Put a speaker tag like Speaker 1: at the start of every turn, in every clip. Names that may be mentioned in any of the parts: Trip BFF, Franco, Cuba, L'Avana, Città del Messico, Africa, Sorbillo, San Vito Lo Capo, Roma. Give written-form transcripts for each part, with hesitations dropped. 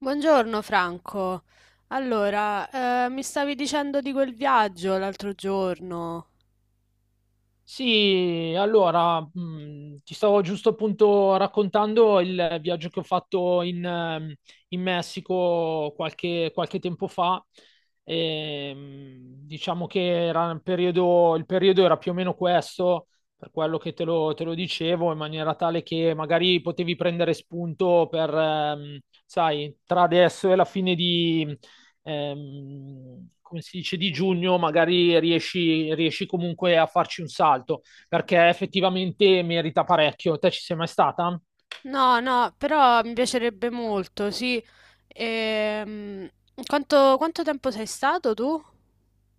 Speaker 1: Buongiorno Franco. Allora, mi stavi dicendo di quel viaggio l'altro giorno.
Speaker 2: Sì, allora, ti stavo giusto appunto raccontando il viaggio che ho fatto in Messico qualche tempo fa. Diciamo che il periodo era più o meno questo, per quello che te lo dicevo, in maniera tale che magari potevi prendere spunto per, sai, tra adesso e la fine come si dice, di giugno, magari riesci comunque a farci un salto, perché effettivamente merita parecchio. Te ci sei mai stata?
Speaker 1: No, no, però mi piacerebbe molto, sì. Ehm, quanto tempo sei stato tu?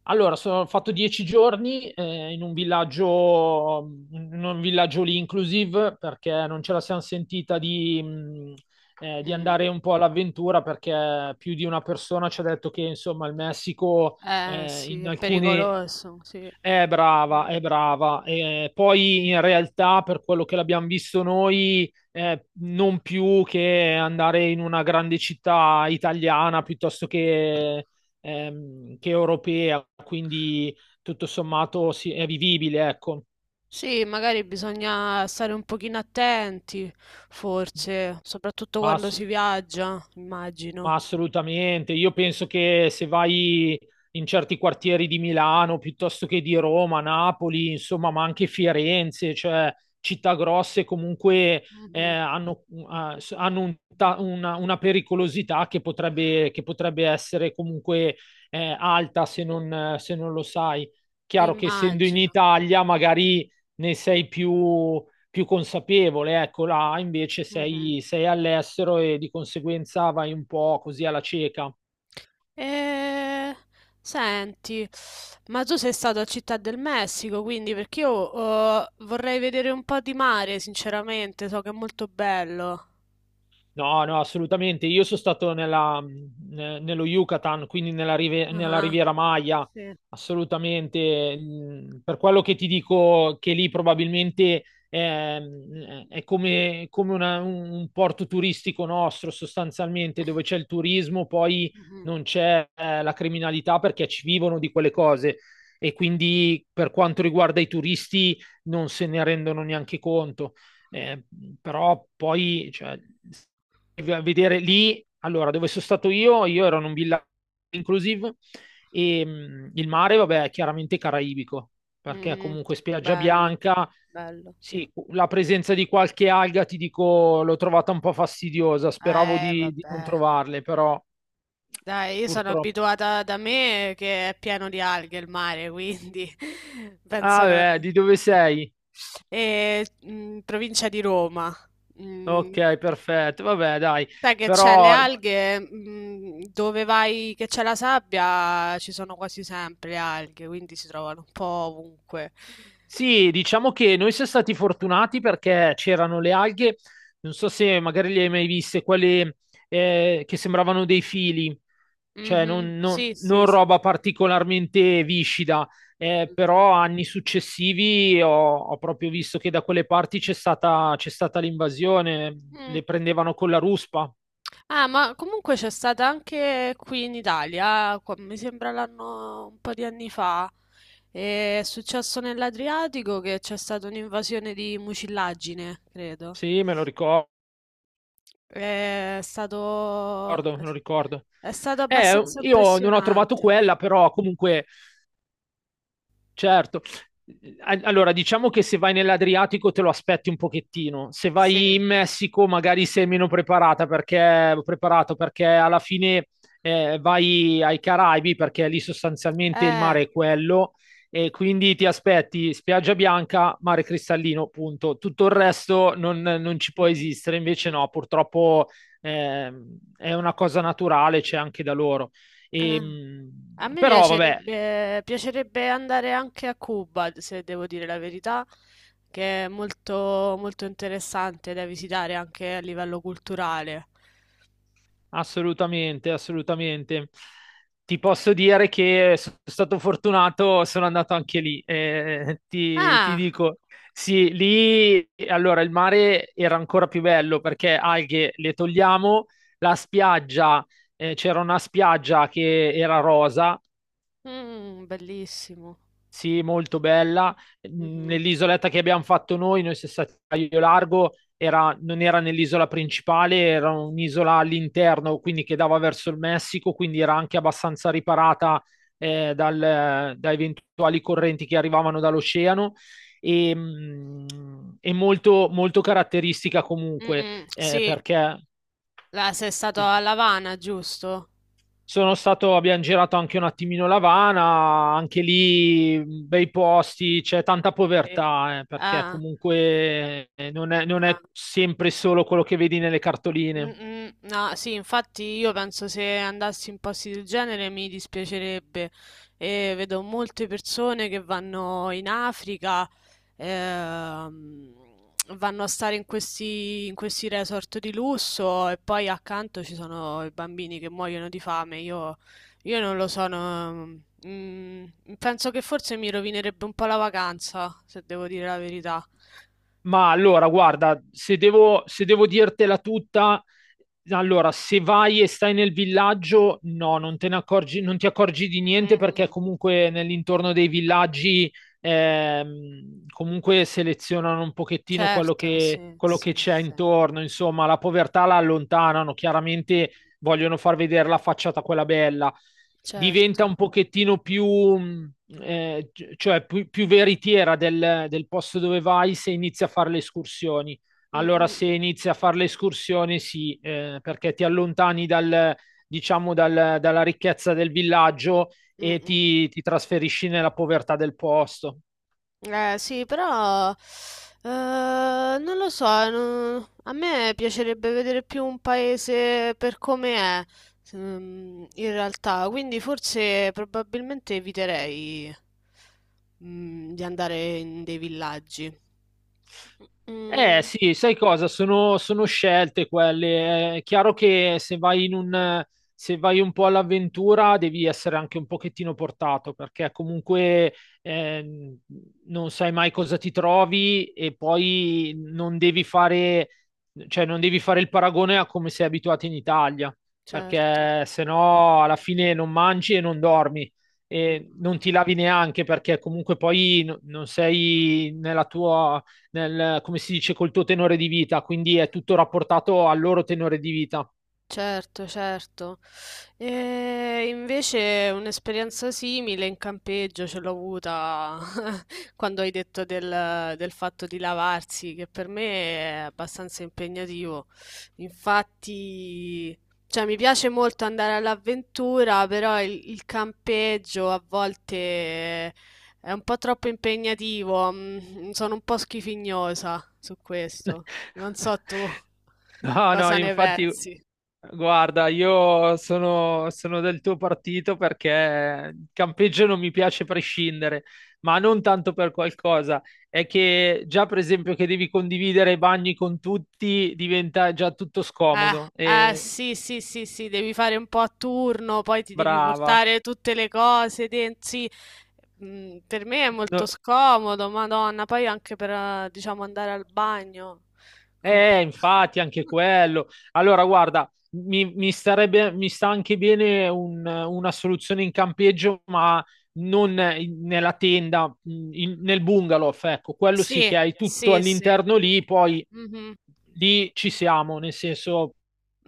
Speaker 2: Allora, ho fatto 10 giorni in un villaggio lì inclusive, perché non ce la siamo sentita di
Speaker 1: Mm.
Speaker 2: andare un po' all'avventura, perché più di una persona ci ha detto che, insomma, il Messico
Speaker 1: Eh sì,
Speaker 2: in
Speaker 1: è
Speaker 2: alcune.
Speaker 1: pericoloso, sì.
Speaker 2: È
Speaker 1: Mm.
Speaker 2: brava, è brava. Poi in realtà, per quello che l'abbiamo visto noi, non più che andare in una grande città italiana piuttosto che europea, quindi tutto sommato sì, è vivibile, ecco.
Speaker 1: Sì, magari bisogna stare un pochino attenti, forse, soprattutto
Speaker 2: Ma
Speaker 1: quando
Speaker 2: s-
Speaker 1: si viaggia,
Speaker 2: Ma
Speaker 1: immagino.
Speaker 2: assolutamente, io penso che se vai in certi quartieri di Milano piuttosto che di Roma, Napoli, insomma, ma anche Firenze, cioè città grosse comunque eh,
Speaker 1: Mhm.
Speaker 2: hanno, hanno una pericolosità che potrebbe essere comunque alta se non lo sai. Chiaro che essendo in
Speaker 1: Immagino.
Speaker 2: Italia magari ne sei più consapevole, ecco, là invece
Speaker 1: Mm-hmm.
Speaker 2: sei all'estero e di conseguenza vai un po' così alla cieca.
Speaker 1: Eh, Senti, ma tu sei stato a Città del Messico, quindi perché io vorrei vedere un po' di mare, sinceramente, so che è molto bello.
Speaker 2: No, no, assolutamente. Io sono stato nello Yucatan, quindi nella
Speaker 1: Ah,
Speaker 2: Riviera Maya,
Speaker 1: sì.
Speaker 2: assolutamente. Per quello che ti dico che lì probabilmente è, come un porto turistico nostro, sostanzialmente, dove c'è il turismo, poi
Speaker 1: Mhm,
Speaker 2: non c'è la criminalità perché ci vivono di quelle cose. E quindi per quanto riguarda i turisti non se ne rendono neanche conto. Eh, Però poi, cioè, a vedere lì, allora, dove sono stato io ero in un villaggio inclusive e il mare, vabbè, è chiaramente caraibico, perché
Speaker 1: mhm.
Speaker 2: comunque spiaggia
Speaker 1: Bello,
Speaker 2: bianca,
Speaker 1: bello.
Speaker 2: sì, la presenza di qualche alga, ti dico, l'ho trovata un po' fastidiosa, speravo di non
Speaker 1: Vabbè.
Speaker 2: trovarle, però
Speaker 1: Dai, io sono
Speaker 2: purtroppo.
Speaker 1: abituata da me che è pieno di alghe il mare, quindi penso.
Speaker 2: Ah, beh, di dove sei?
Speaker 1: E, provincia di Roma. Mm.
Speaker 2: Ok, perfetto, vabbè, dai,
Speaker 1: Sai che c'è le
Speaker 2: però
Speaker 1: alghe, dove vai che c'è la sabbia, ci sono quasi sempre le alghe, quindi si trovano un po' ovunque.
Speaker 2: sì, diciamo che noi siamo stati fortunati perché c'erano le alghe, non so se magari le hai mai viste, quelle che sembravano dei fili, cioè
Speaker 1: Mhm.
Speaker 2: non, non-
Speaker 1: Sì, sì,
Speaker 2: non
Speaker 1: sì.
Speaker 2: roba particolarmente viscida,
Speaker 1: Mhm.
Speaker 2: però anni successivi ho proprio visto che da quelle parti c'è stata l'invasione,
Speaker 1: Mm.
Speaker 2: le prendevano con la ruspa,
Speaker 1: Ah, ma comunque c'è stata anche qui in Italia, mi sembra l'anno un po' di anni fa, e è successo nell'Adriatico che c'è stata un'invasione di mucillaggine, credo.
Speaker 2: sì, me lo ricordo,
Speaker 1: È stato,
Speaker 2: me lo ricordo.
Speaker 1: è stato abbastanza
Speaker 2: Io non ho trovato
Speaker 1: impressionante.
Speaker 2: quella, però comunque. Certo. Allora, diciamo che se vai nell'Adriatico te lo aspetti un pochettino. Se vai
Speaker 1: Sì.
Speaker 2: in Messico, magari sei meno preparato perché alla fine
Speaker 1: Mh-mh.
Speaker 2: vai ai Caraibi, perché lì sostanzialmente il
Speaker 1: Eh.
Speaker 2: mare è quello, e quindi ti aspetti spiaggia bianca, mare cristallino, punto. Tutto il resto non ci può
Speaker 1: Mh-mh.
Speaker 2: esistere. Invece,
Speaker 1: Mh-mh.
Speaker 2: no, purtroppo è una cosa naturale, c'è anche da loro. E,
Speaker 1: Ah. A me
Speaker 2: però vabbè,
Speaker 1: piacerebbe andare anche a Cuba, se devo dire la verità, che è molto, molto interessante da visitare anche a livello culturale.
Speaker 2: assolutamente, assolutamente. Ti posso dire che sono stato fortunato, sono andato anche lì. Ti
Speaker 1: Ah.
Speaker 2: dico, sì, lì allora il mare era ancora più bello perché alghe le togliamo, la spiaggia, c'era una spiaggia che era rosa,
Speaker 1: Bellissimo.
Speaker 2: sì, molto bella.
Speaker 1: Mh-mh.
Speaker 2: Nell'isoletta che abbiamo fatto noi siamo stati a Caio Largo, non era nell'isola principale, era un'isola all'interno, quindi che dava verso il Messico, quindi era anche abbastanza riparata da eventuali correnti che arrivavano dall'oceano e, mm, e molto, molto caratteristica comunque,
Speaker 1: Mh-mh. Sì.
Speaker 2: perché.
Speaker 1: Là sei stato
Speaker 2: Sì,
Speaker 1: a L'Avana, giusto?
Speaker 2: sono stato, abbiamo girato anche un attimino L'Avana, anche lì bei posti, c'è tanta
Speaker 1: Sì.
Speaker 2: povertà, perché
Speaker 1: Ah.
Speaker 2: comunque non è, non
Speaker 1: Ah.
Speaker 2: è sempre
Speaker 1: Sì.
Speaker 2: solo quello che vedi nelle
Speaker 1: Mm,
Speaker 2: cartoline.
Speaker 1: mm, no, sì, infatti io penso se andassi in posti del genere mi dispiacerebbe. E vedo molte persone che vanno in Africa, ehm, vanno a stare in questi resort di lusso e poi accanto ci sono i bambini che muoiono di fame. Io non lo so, no, mm, penso che forse mi rovinerebbe un po' la vacanza, se devo dire la verità.
Speaker 2: Ma allora, guarda, se devo dirtela tutta, allora, se vai e stai nel villaggio, no, non te ne accorgi, non ti accorgi di
Speaker 1: Mm,
Speaker 2: niente perché
Speaker 1: mm.
Speaker 2: comunque nell'intorno dei villaggi comunque selezionano un pochettino quello
Speaker 1: Certo,
Speaker 2: che,
Speaker 1: sì,
Speaker 2: quello che
Speaker 1: sì,
Speaker 2: c'è
Speaker 1: sì.
Speaker 2: intorno, insomma, la povertà la allontanano, chiaramente vogliono far vedere la facciata quella bella,
Speaker 1: Certo.
Speaker 2: diventa un pochettino mm, eh, cioè più veritiera del posto dove vai se inizi a fare le escursioni.
Speaker 1: Mm,
Speaker 2: Allora,
Speaker 1: mm,
Speaker 2: se inizi a fare le escursioni, sì, perché ti allontani dal, diciamo, dalla ricchezza del villaggio
Speaker 1: mm,
Speaker 2: e
Speaker 1: mm.
Speaker 2: ti trasferisci nella povertà del posto.
Speaker 1: Sì, però non lo so, a me piacerebbe vedere più un paese per come è, in realtà, quindi forse probabilmente eviterei di andare in dei villaggi.
Speaker 2: Eh
Speaker 1: Mm,
Speaker 2: sì, sai cosa? Sono scelte quelle. È chiaro che se vai un po' all'avventura devi essere anche un pochettino portato perché comunque ehm, non sai mai cosa ti trovi e poi non devi fare, cioè non devi fare il paragone a come sei abituato in Italia
Speaker 1: certo.
Speaker 2: perché se no alla fine non mangi e non dormi e
Speaker 1: Mm.
Speaker 2: non ti lavi neanche perché comunque poi non sei nel, come si dice, col tuo tenore di vita, quindi è tutto rapportato al loro tenore di vita.
Speaker 1: Certo, certo. E invece un'esperienza simile in campeggio ce l'ho avuta quando hai detto del fatto di lavarsi, che per me è abbastanza impegnativo. Infatti, cioè, mi piace molto andare all'avventura, però il campeggio a volte è un po' troppo impegnativo. Sono un po' schifignosa su questo. Non so tu
Speaker 2: No, no,
Speaker 1: cosa ne
Speaker 2: infatti,
Speaker 1: pensi.
Speaker 2: guarda, io sono del tuo partito perché il campeggio non mi piace prescindere, ma non tanto per qualcosa. È che già, per esempio, che devi condividere i bagni con tutti diventa già tutto scomodo.
Speaker 1: Eh,
Speaker 2: E
Speaker 1: sì, sì, sì, sì, devi fare un po' a turno, poi ti devi
Speaker 2: brava.
Speaker 1: portare tutte le cose dentro. Sì. Per me è molto
Speaker 2: No.
Speaker 1: scomodo, Madonna, poi anche per, diciamo, andare al bagno. Compl-
Speaker 2: Infatti, anche quello. Allora, guarda, mi sta anche bene una soluzione in campeggio, ma non nella tenda, nel bungalow, ecco, quello sì
Speaker 1: Sì,
Speaker 2: che hai tutto
Speaker 1: sì, sì.
Speaker 2: all'interno lì, poi
Speaker 1: Mhm,
Speaker 2: lì ci siamo, nel senso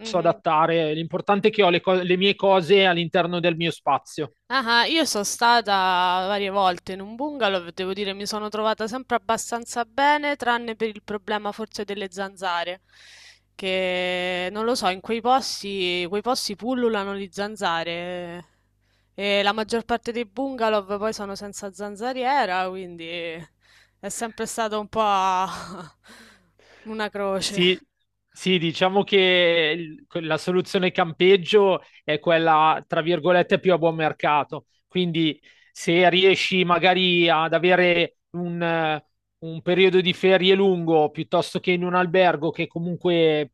Speaker 2: posso adattare. L'importante è che ho le mie cose all'interno del mio spazio.
Speaker 1: Ah, ah, io sono stata varie volte in un bungalow, devo dire mi sono trovata sempre abbastanza bene, tranne per il problema forse delle zanzare, che non lo so, in quei posti pullulano le zanzare e la maggior parte dei bungalow poi sono senza zanzariera, quindi è sempre stato un po' una croce.
Speaker 2: Sì, sì, diciamo che la soluzione campeggio è quella, tra virgolette, più a buon mercato. Quindi se riesci magari ad avere un periodo di ferie lungo piuttosto che in un albergo che comunque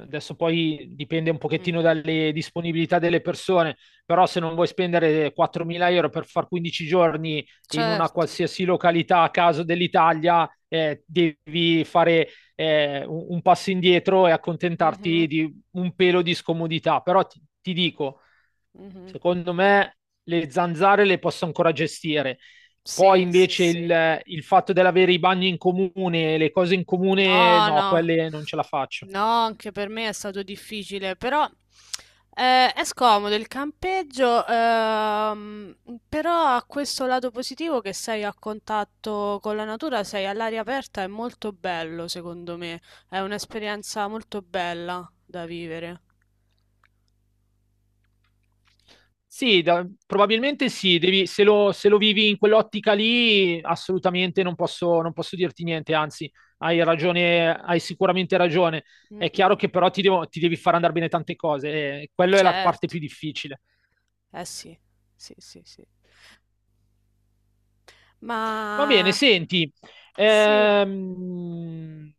Speaker 2: adesso poi dipende un pochettino
Speaker 1: Mhm.
Speaker 2: dalle disponibilità delle persone, però se non vuoi spendere €4.000 per far 15 giorni in una
Speaker 1: Certo.
Speaker 2: qualsiasi località a caso dell'Italia, devi fare un passo indietro e accontentarti
Speaker 1: Mhm.
Speaker 2: di un pelo di scomodità. Però ti dico,
Speaker 1: Mhm.
Speaker 2: secondo me le zanzare le posso ancora gestire. Poi
Speaker 1: Sì, sì,
Speaker 2: invece
Speaker 1: sì.
Speaker 2: il fatto dell'avere i bagni in comune, le cose in comune,
Speaker 1: No,
Speaker 2: no,
Speaker 1: no,
Speaker 2: quelle non ce la faccio.
Speaker 1: no, anche per me è stato difficile, però è scomodo il campeggio, però ha questo lato positivo che sei a contatto con la natura, sei all'aria aperta, è molto bello, secondo me, è un'esperienza molto bella da vivere.
Speaker 2: Sì, probabilmente sì, se lo vivi in quell'ottica lì, assolutamente non posso dirti niente, anzi, hai ragione, hai sicuramente ragione.
Speaker 1: Mm,
Speaker 2: È
Speaker 1: mm.
Speaker 2: chiaro che però ti devi far andare bene tante cose, e quella è la parte
Speaker 1: Certo,
Speaker 2: più difficile.
Speaker 1: eh sì, sì, sì, sì.
Speaker 2: Va bene,
Speaker 1: Ma
Speaker 2: senti,
Speaker 1: sì.
Speaker 2: ehm,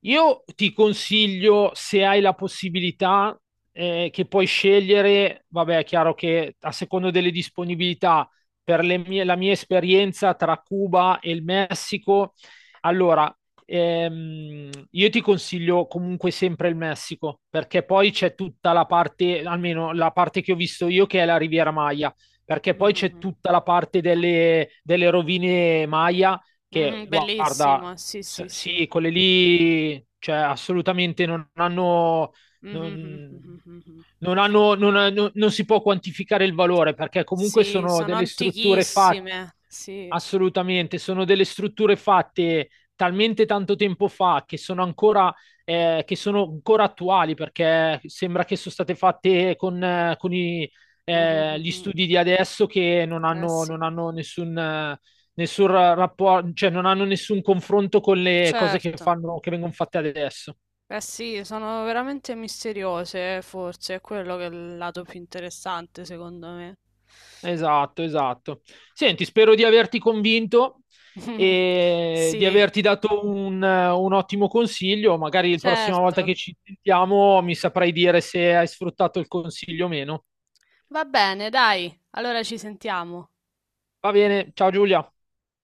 Speaker 2: io ti consiglio, se hai la possibilità, che puoi scegliere, vabbè, è chiaro che a secondo delle disponibilità, per la mia esperienza tra Cuba e il Messico, allora, io ti consiglio comunque sempre il Messico, perché poi c'è tutta la parte, almeno la parte che ho visto io, che è la Riviera Maya, perché poi c'è tutta la parte delle rovine Maya che
Speaker 1: Mh-mh,
Speaker 2: guarda,
Speaker 1: bellissimo, sì, sì, sì.
Speaker 2: sì, quelle lì, cioè assolutamente non hanno,
Speaker 1: Mh-mh,
Speaker 2: non-
Speaker 1: mh.
Speaker 2: non si può quantificare il valore perché comunque
Speaker 1: Sì,
Speaker 2: sono
Speaker 1: sono
Speaker 2: delle strutture fatte,
Speaker 1: antichissime, sì.
Speaker 2: assolutamente, sono delle strutture fatte talmente tanto tempo fa che sono ancora attuali perché sembra che sono state fatte con i,
Speaker 1: Mh-mh,
Speaker 2: eh, gli studi di adesso che non
Speaker 1: mh. Eh
Speaker 2: hanno,
Speaker 1: sì.
Speaker 2: non hanno nessun
Speaker 1: Mh.
Speaker 2: rapporto, cioè non hanno nessun confronto con le cose che
Speaker 1: Certo.
Speaker 2: fanno, che vengono fatte adesso.
Speaker 1: Eh sì, sono veramente misteriose, forse, è quello che è il lato più interessante, secondo me.
Speaker 2: Esatto, esatto. Senti, spero di averti convinto e di
Speaker 1: Sì,
Speaker 2: averti dato un ottimo consiglio. Magari la prossima volta
Speaker 1: certo.
Speaker 2: che ci sentiamo mi saprai dire se hai sfruttato il consiglio o meno.
Speaker 1: Va bene, dai, allora ci sentiamo.
Speaker 2: Va bene, ciao Giulia.